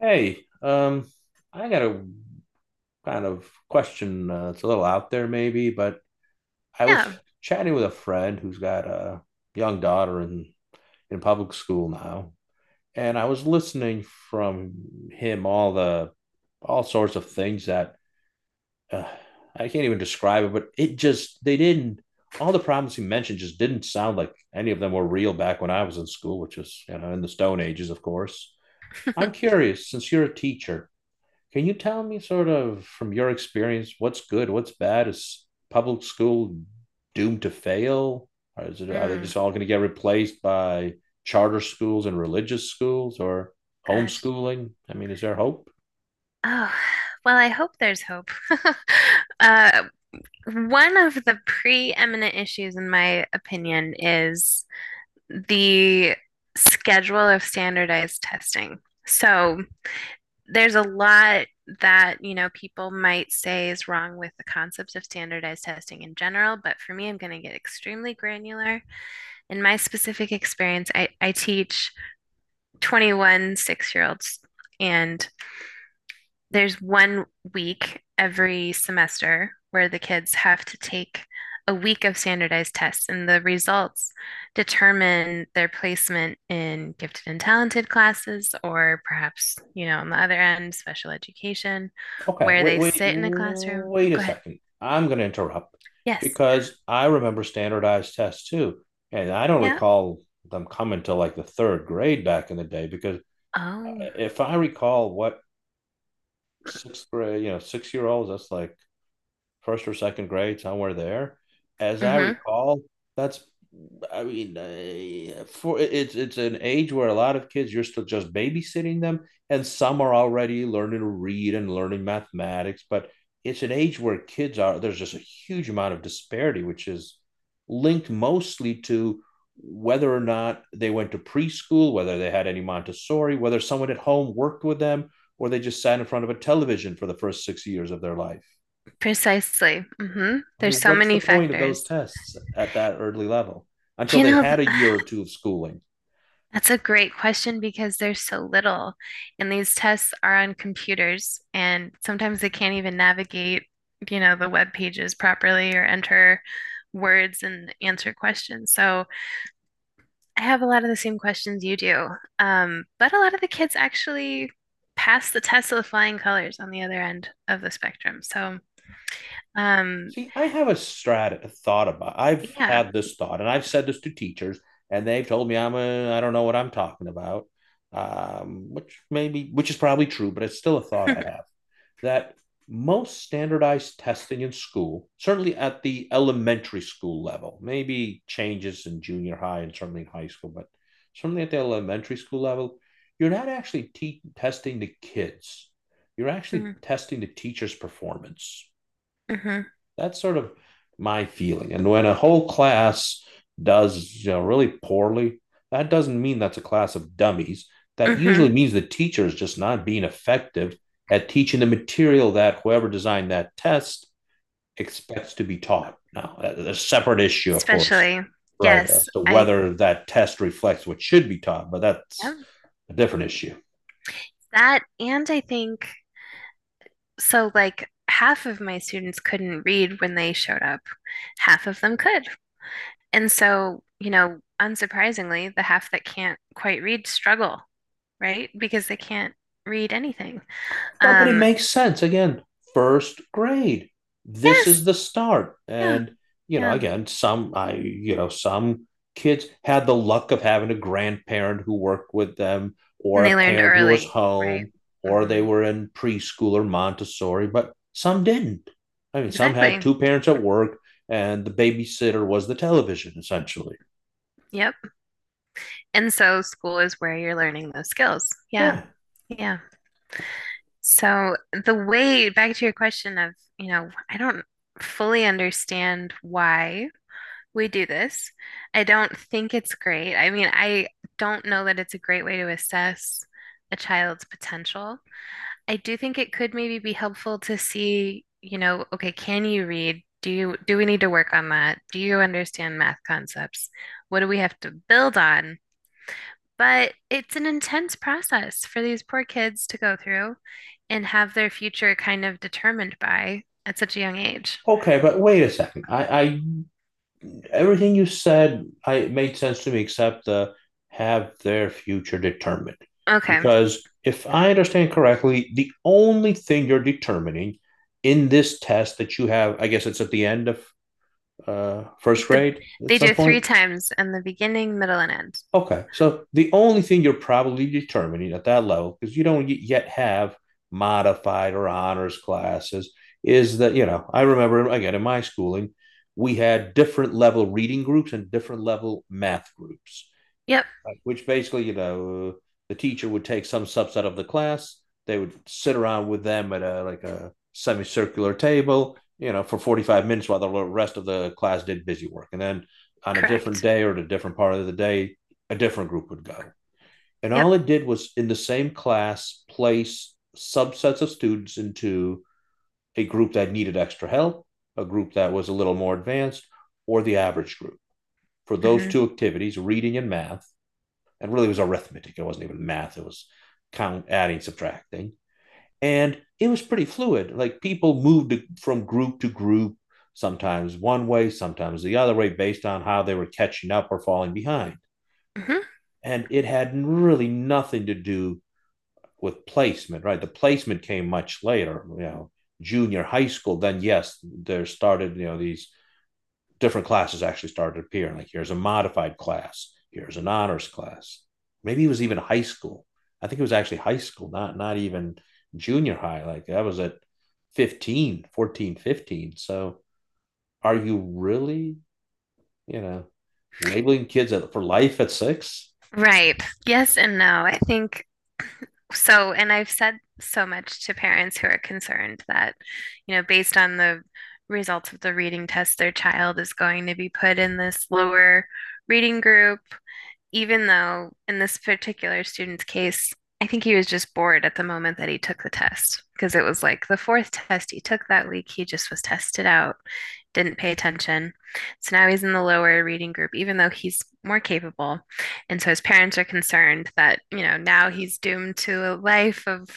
Hey, I got a kind of question. It's a little out there, maybe, but I was Yeah. chatting with a friend who's got a young daughter in public school now, and I was listening from him all the all sorts of things that uh, I can't even describe it, but it just they didn't all the problems he mentioned just didn't sound like any of them were real back when I was in school, which was, you know, in the Stone Ages, of course. I'm curious, since you're a teacher, can you tell me, sort of, from your experience, what's good, what's bad? Is public school doomed to fail? Or is it, are they Mm, just all going to get replaced by charter schools and religious schools or gosh. homeschooling? I mean, is there hope? Oh, well, I hope there's hope. Uh, one of the preeminent issues, in my opinion, is the schedule of standardized testing. So there's a lot that, you know, people might say is wrong with the concepts of standardized testing in general, but for me, I'm going to get extremely granular. In my specific experience, I teach 21 six-year-olds, and there's one week every semester where the kids have to take a week of standardized tests, and the results determine their placement in gifted and talented classes, or perhaps, you know, on the other end, special education, Okay, where wait, they wait, sit in a classroom. wait a Go ahead. second. I'm going to interrupt Yes. because I remember standardized tests too. And I don't Yeah. recall them coming to like the third grade back in the day, because Oh. if I recall what sixth grade, you know, six-year-olds, that's like first or second grade, somewhere there. As I Mm-hmm. recall, that's I mean, for it's an age where a lot of kids you're still just babysitting them, and some are already learning to read and learning mathematics. But it's an age where kids are there's just a huge amount of disparity, which is linked mostly to whether or not they went to preschool, whether they had any Montessori, whether someone at home worked with them, or they just sat in front of a television for the first 6 years of their life. Precisely. Mm-hmm. I There's mean, so what's the many point of those factors. tests at that early level until You they know, had a year or two of schooling? that's a great question because there's so little, and these tests are on computers, and sometimes they can't even navigate, you know, the web pages properly or enter words and answer questions. So I have a lot of the same questions you do, but a lot of the kids actually pass the test with flying colors on the other end of the spectrum. Um, See, I have a strat a thought about. I've yeah. had this thought, and I've said this to teachers, and they've told me I don't know what I'm talking about, which is probably true, but it's still a thought I have that most standardized testing in school, certainly at the elementary school level, maybe changes in junior high and certainly in high school, but certainly at the elementary school level, you're not actually testing the kids. You're actually Mm-hmm. testing the teacher's performance. Hmm. That's sort of my feeling. And when a whole class does really poorly, that doesn't mean that's a class of dummies. That usually means the teacher is just not being effective at teaching the material that whoever designed that test expects to be taught. Now, a separate issue, of course, Especially right, yes, as to I, whether that test reflects what should be taught, but yeah, that's a different issue. that, and I think. So, like, half of my students couldn't read when they showed up, half of them could. And so, you know, unsurprisingly, the half that can't quite read struggle, right? Because they can't read anything. Well, but it Um, makes sense. Again, first grade. This is yes, the start. yeah, And, you know, yeah. again, some I you know, some kids had the luck of having a grandparent who worked with them or And they a learned parent who was early, right? home or they Hmm. were in preschool or Montessori, but some didn't. I mean, some had Exactly. two parents at work and the babysitter was the television, essentially. Yep. And so, school is where you're learning those skills. Yeah, Yeah. yeah. So, the way back to your question of, you know, I don't fully understand why we do this. I don't think it's great. I mean, I don't know that it's a great way to assess a child's potential. I do think it could maybe be helpful to see, you know, okay, can you read? Do you do we need to work on that? Do you understand math concepts? What do we have to build on? But it's an intense process for these poor kids to go through and have their future kind of determined by at such a young age. Okay, but wait a second. I Everything you said, I made sense to me, except the have their future determined. Okay. Because if I understand correctly, the only thing you're determining in this test that you have, I guess it's at the end of first The grade at they some do three point. times in the beginning, middle, and end. Okay, so the only thing you're probably determining at that level, because you don't yet have modified or honors classes, is that, you know, I remember again in my schooling, we had different level reading groups and different level math groups. Yep, Right, which basically, you know, the teacher would take some subset of the class. They would sit around with them at a like a semicircular table, you know, for 45 minutes while the rest of the class did busy work. And then on a different correct. day or at a different part of the day, a different group would go. And Yep. all it did was in the same class place subsets of students into a group that needed extra help, a group that was a little more advanced, or the average group. For those Hmm. two activities, reading and math, and really it was arithmetic. It wasn't even math. It was count, adding, subtracting, and it was pretty fluid. Like, people moved from group to group, sometimes one way, sometimes the other way, based on how they were catching up or falling behind. Hmm. And it had really nothing to do with placement, right? The placement came much later, you know, junior high school. Then yes, there started, you know, these different classes actually started appearing. Like, here's a modified class, here's an honors class. Maybe it was even high school. I think it was actually high school, not even junior high. Like I was at 15, 14, 15. So are you really, you know, labeling kids for life at six? Right. Yes and no. I think so, and I've said so much to parents who are concerned that, you know, based on the results of the reading test, their child is going to be put in this lower reading group even though in this particular student's case, I think he was just bored at the moment that he took the test because it was like the fourth test he took that week. He just was tested out, didn't pay attention. So now he's in the lower reading group, even though he's more capable. And so his parents are concerned that, you know, now he's doomed to a life of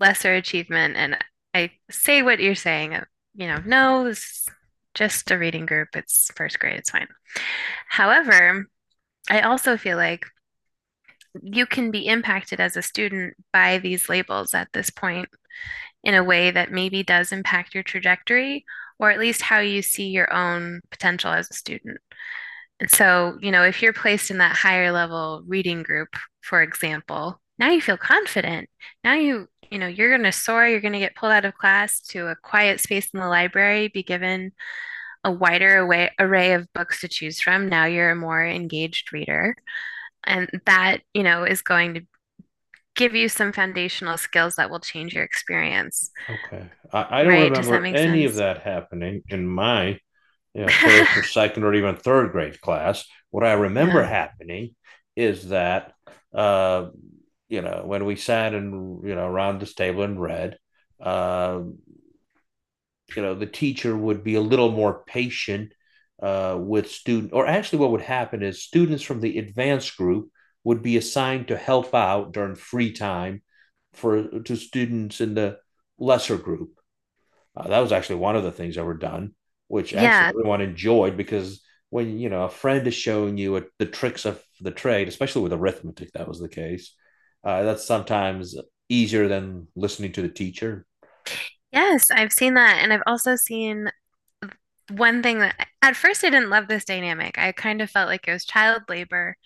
lesser achievement. And I say what you're saying, you know, no, it's just a reading group. It's first grade. It's fine. However, I also feel like you can be impacted as a student by these labels at this point in a way that maybe does impact your trajectory or at least how you see your own potential as a student. And so, you know, if you're placed in that higher level reading group, for example, now you feel confident. Now you know, you're going to soar, you're going to get pulled out of class to a quiet space in the library, be given a wider array of books to choose from. Now you're a more engaged reader. And that, you know, is going to give you some foundational skills that will change your experience, Okay. I don't right? Does that remember make any of sense? that happening in my, you know, first or second or even third grade class. What I remember Yeah. happening is that, uh, you know, when we sat and, you know, around this table and read, uh, you know, the teacher would be a little more patient with student, or actually what would happen is students from the advanced group would be assigned to help out during free time for to students in the lesser group that was actually one of the things that were done, which actually Yeah. everyone enjoyed because when you know a friend is showing you the tricks of the trade, especially with arithmetic, that was the case. That's sometimes easier than listening to the teacher. Yes, I've seen that. And I've also seen one thing that at first I didn't love this dynamic. I kind of felt like it was child labor.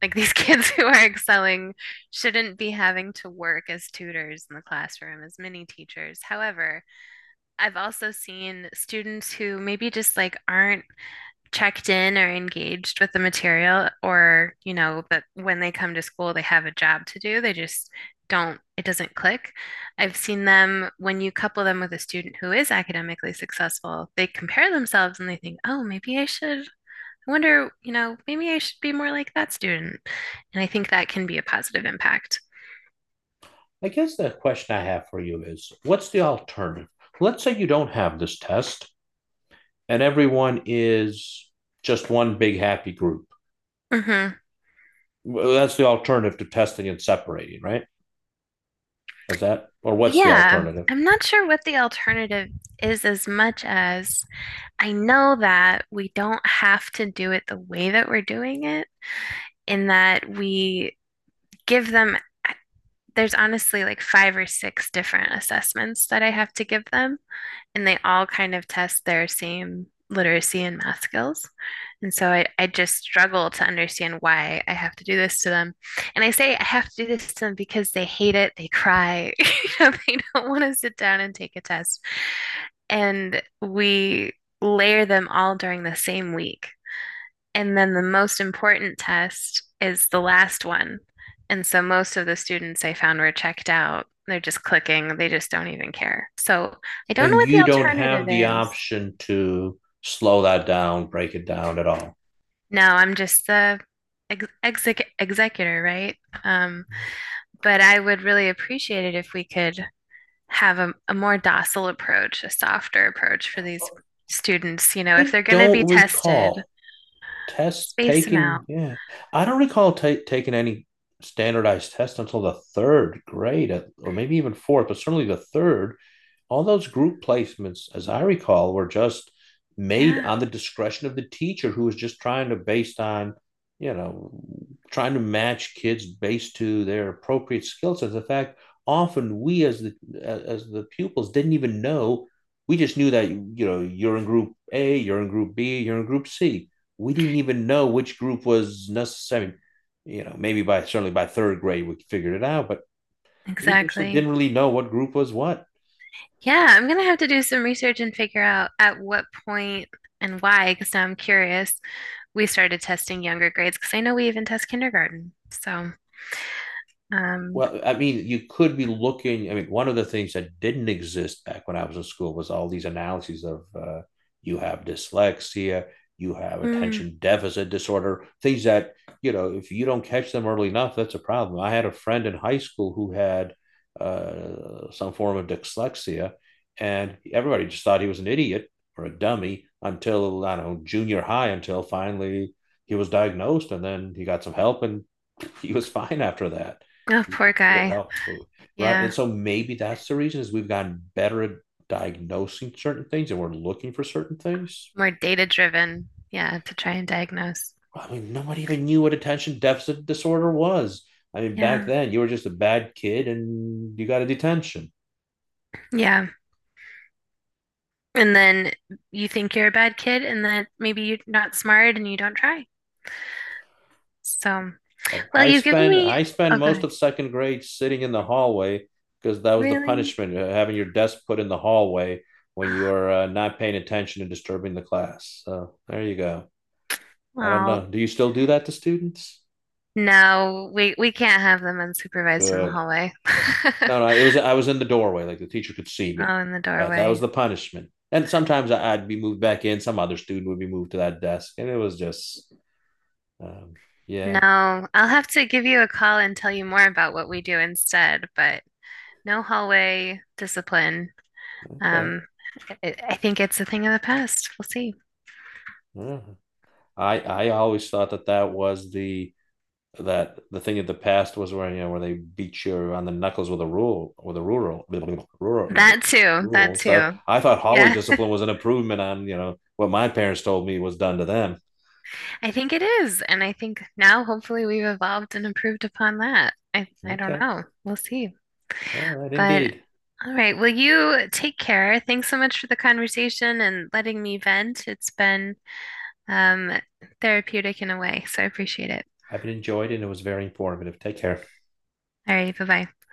Like these kids who are excelling shouldn't be having to work as tutors in the classroom, as mini teachers. However, I've also seen students who maybe just like aren't checked in or engaged with the material, or you know, that when they come to school they have a job to do, they just don't it doesn't click. I've seen them when you couple them with a student who is academically successful, they compare themselves and they think, oh, maybe I wonder, you know, maybe I should be more like that student. And I think that can be a positive impact. I guess the question I have for you is, what's the alternative? Let's say you don't have this test, and everyone is just one big happy group. Mm-hmm. Well, that's the alternative to testing and separating, right? Is that or what's the Yeah, alternative? I'm not sure what the alternative is as much as I know that we don't have to do it the way that we're doing it, in that give them, there's honestly like five or six different assessments that I have to give them, and they all kind of test their same literacy and math skills. And so I just struggle to understand why I have to do this to them. And I say I have to do this to them because they hate it, they cry, you know, they don't want to sit down and take a test. And we layer them all during the same week. And then the most important test is the last one. And so most of the students I found were checked out. They're just clicking, they just don't even care. So I don't know And what the you don't alternative have the is. option to slow that down, break it down at all. No, I'm just the executor, right? Um, but I would really appreciate it if we could have a more docile approach, a softer approach for these students. You know, if I they're going to be don't tested, recall tests space them taking, out. yeah, I don't recall taking any standardized tests until the third grade or maybe even fourth, but certainly the third. All those group placements, as I recall, were just made Yeah, on the discretion of the teacher who was just trying to based on, you know, trying to match kids based to their appropriate skill sets. In fact, often we as the pupils didn't even know. We just knew that, you know, you're in group A, you're in group B, you're in group C. We didn't even know which group was necessary. You know, maybe by, certainly by third grade we figured it out, but we initially exactly. didn't really know what group was what. Yeah, I'm gonna have to do some research and figure out at what point and why, because I'm curious. We started testing younger grades because I know we even test kindergarten. Um, Well, I mean, you could be looking. I mean, one of the things that didn't exist back when I was in school was all these analyses of you have dyslexia, you have mm, attention deficit disorder, things that, you know, if you don't catch them early enough, that's a problem. I had a friend in high school who had some form of dyslexia, and everybody just thought he was an idiot or a dummy until, I don't know, junior high, until finally he was diagnosed and then he got some help and he was fine after that, oh, you poor just needed guy. help, who, right? And Yeah, so maybe that's the reason is we've gotten better at diagnosing certain things and we're looking for certain things. more data driven. Yeah, to try and diagnose. I mean, nobody even knew what attention deficit disorder was. I mean, back Yeah, then you were just a bad kid and you got a detention. yeah. And then you think you're a bad kid, and that maybe you're not smart and you don't try. So, I, well, I you've given spend me. I spend Oh, most good. of second grade sitting in the hallway because that was the Really? punishment, having your desk put in the hallway when you are not paying attention and disturbing the class. So there you go. I don't Wow. know. Do you still do that to students? No, we can't have them unsupervised in the Good. hallway. No, no, it was I was in the doorway, like the teacher could see me, Oh, in the but that was doorway. the punishment. And sometimes would be moved back in. Some other student would be moved to that desk, and it was just, um, yeah, No, I'll have to give you a call and tell you more about what we do instead, but no hallway discipline. okay. Um, I think it's a thing of the past. We'll see. Yeah. I always thought that that was the that the thing of the past was where, you know, where they beat you on the knuckles with a rule with a rural rural That too, that rule. So too. I thought hallway Yeah, discipline was an improvement on, you know, what my parents told me was done to them. I think it is. And I think now hopefully we've evolved and improved upon that. I don't Okay, know. We'll see. all right, But indeed. all right. Well, you take care. Thanks so much for the conversation and letting me vent. It's been um, therapeutic in a way, so I appreciate it. I've enjoyed it, and it was very informative. Take care. All right. Bye bye.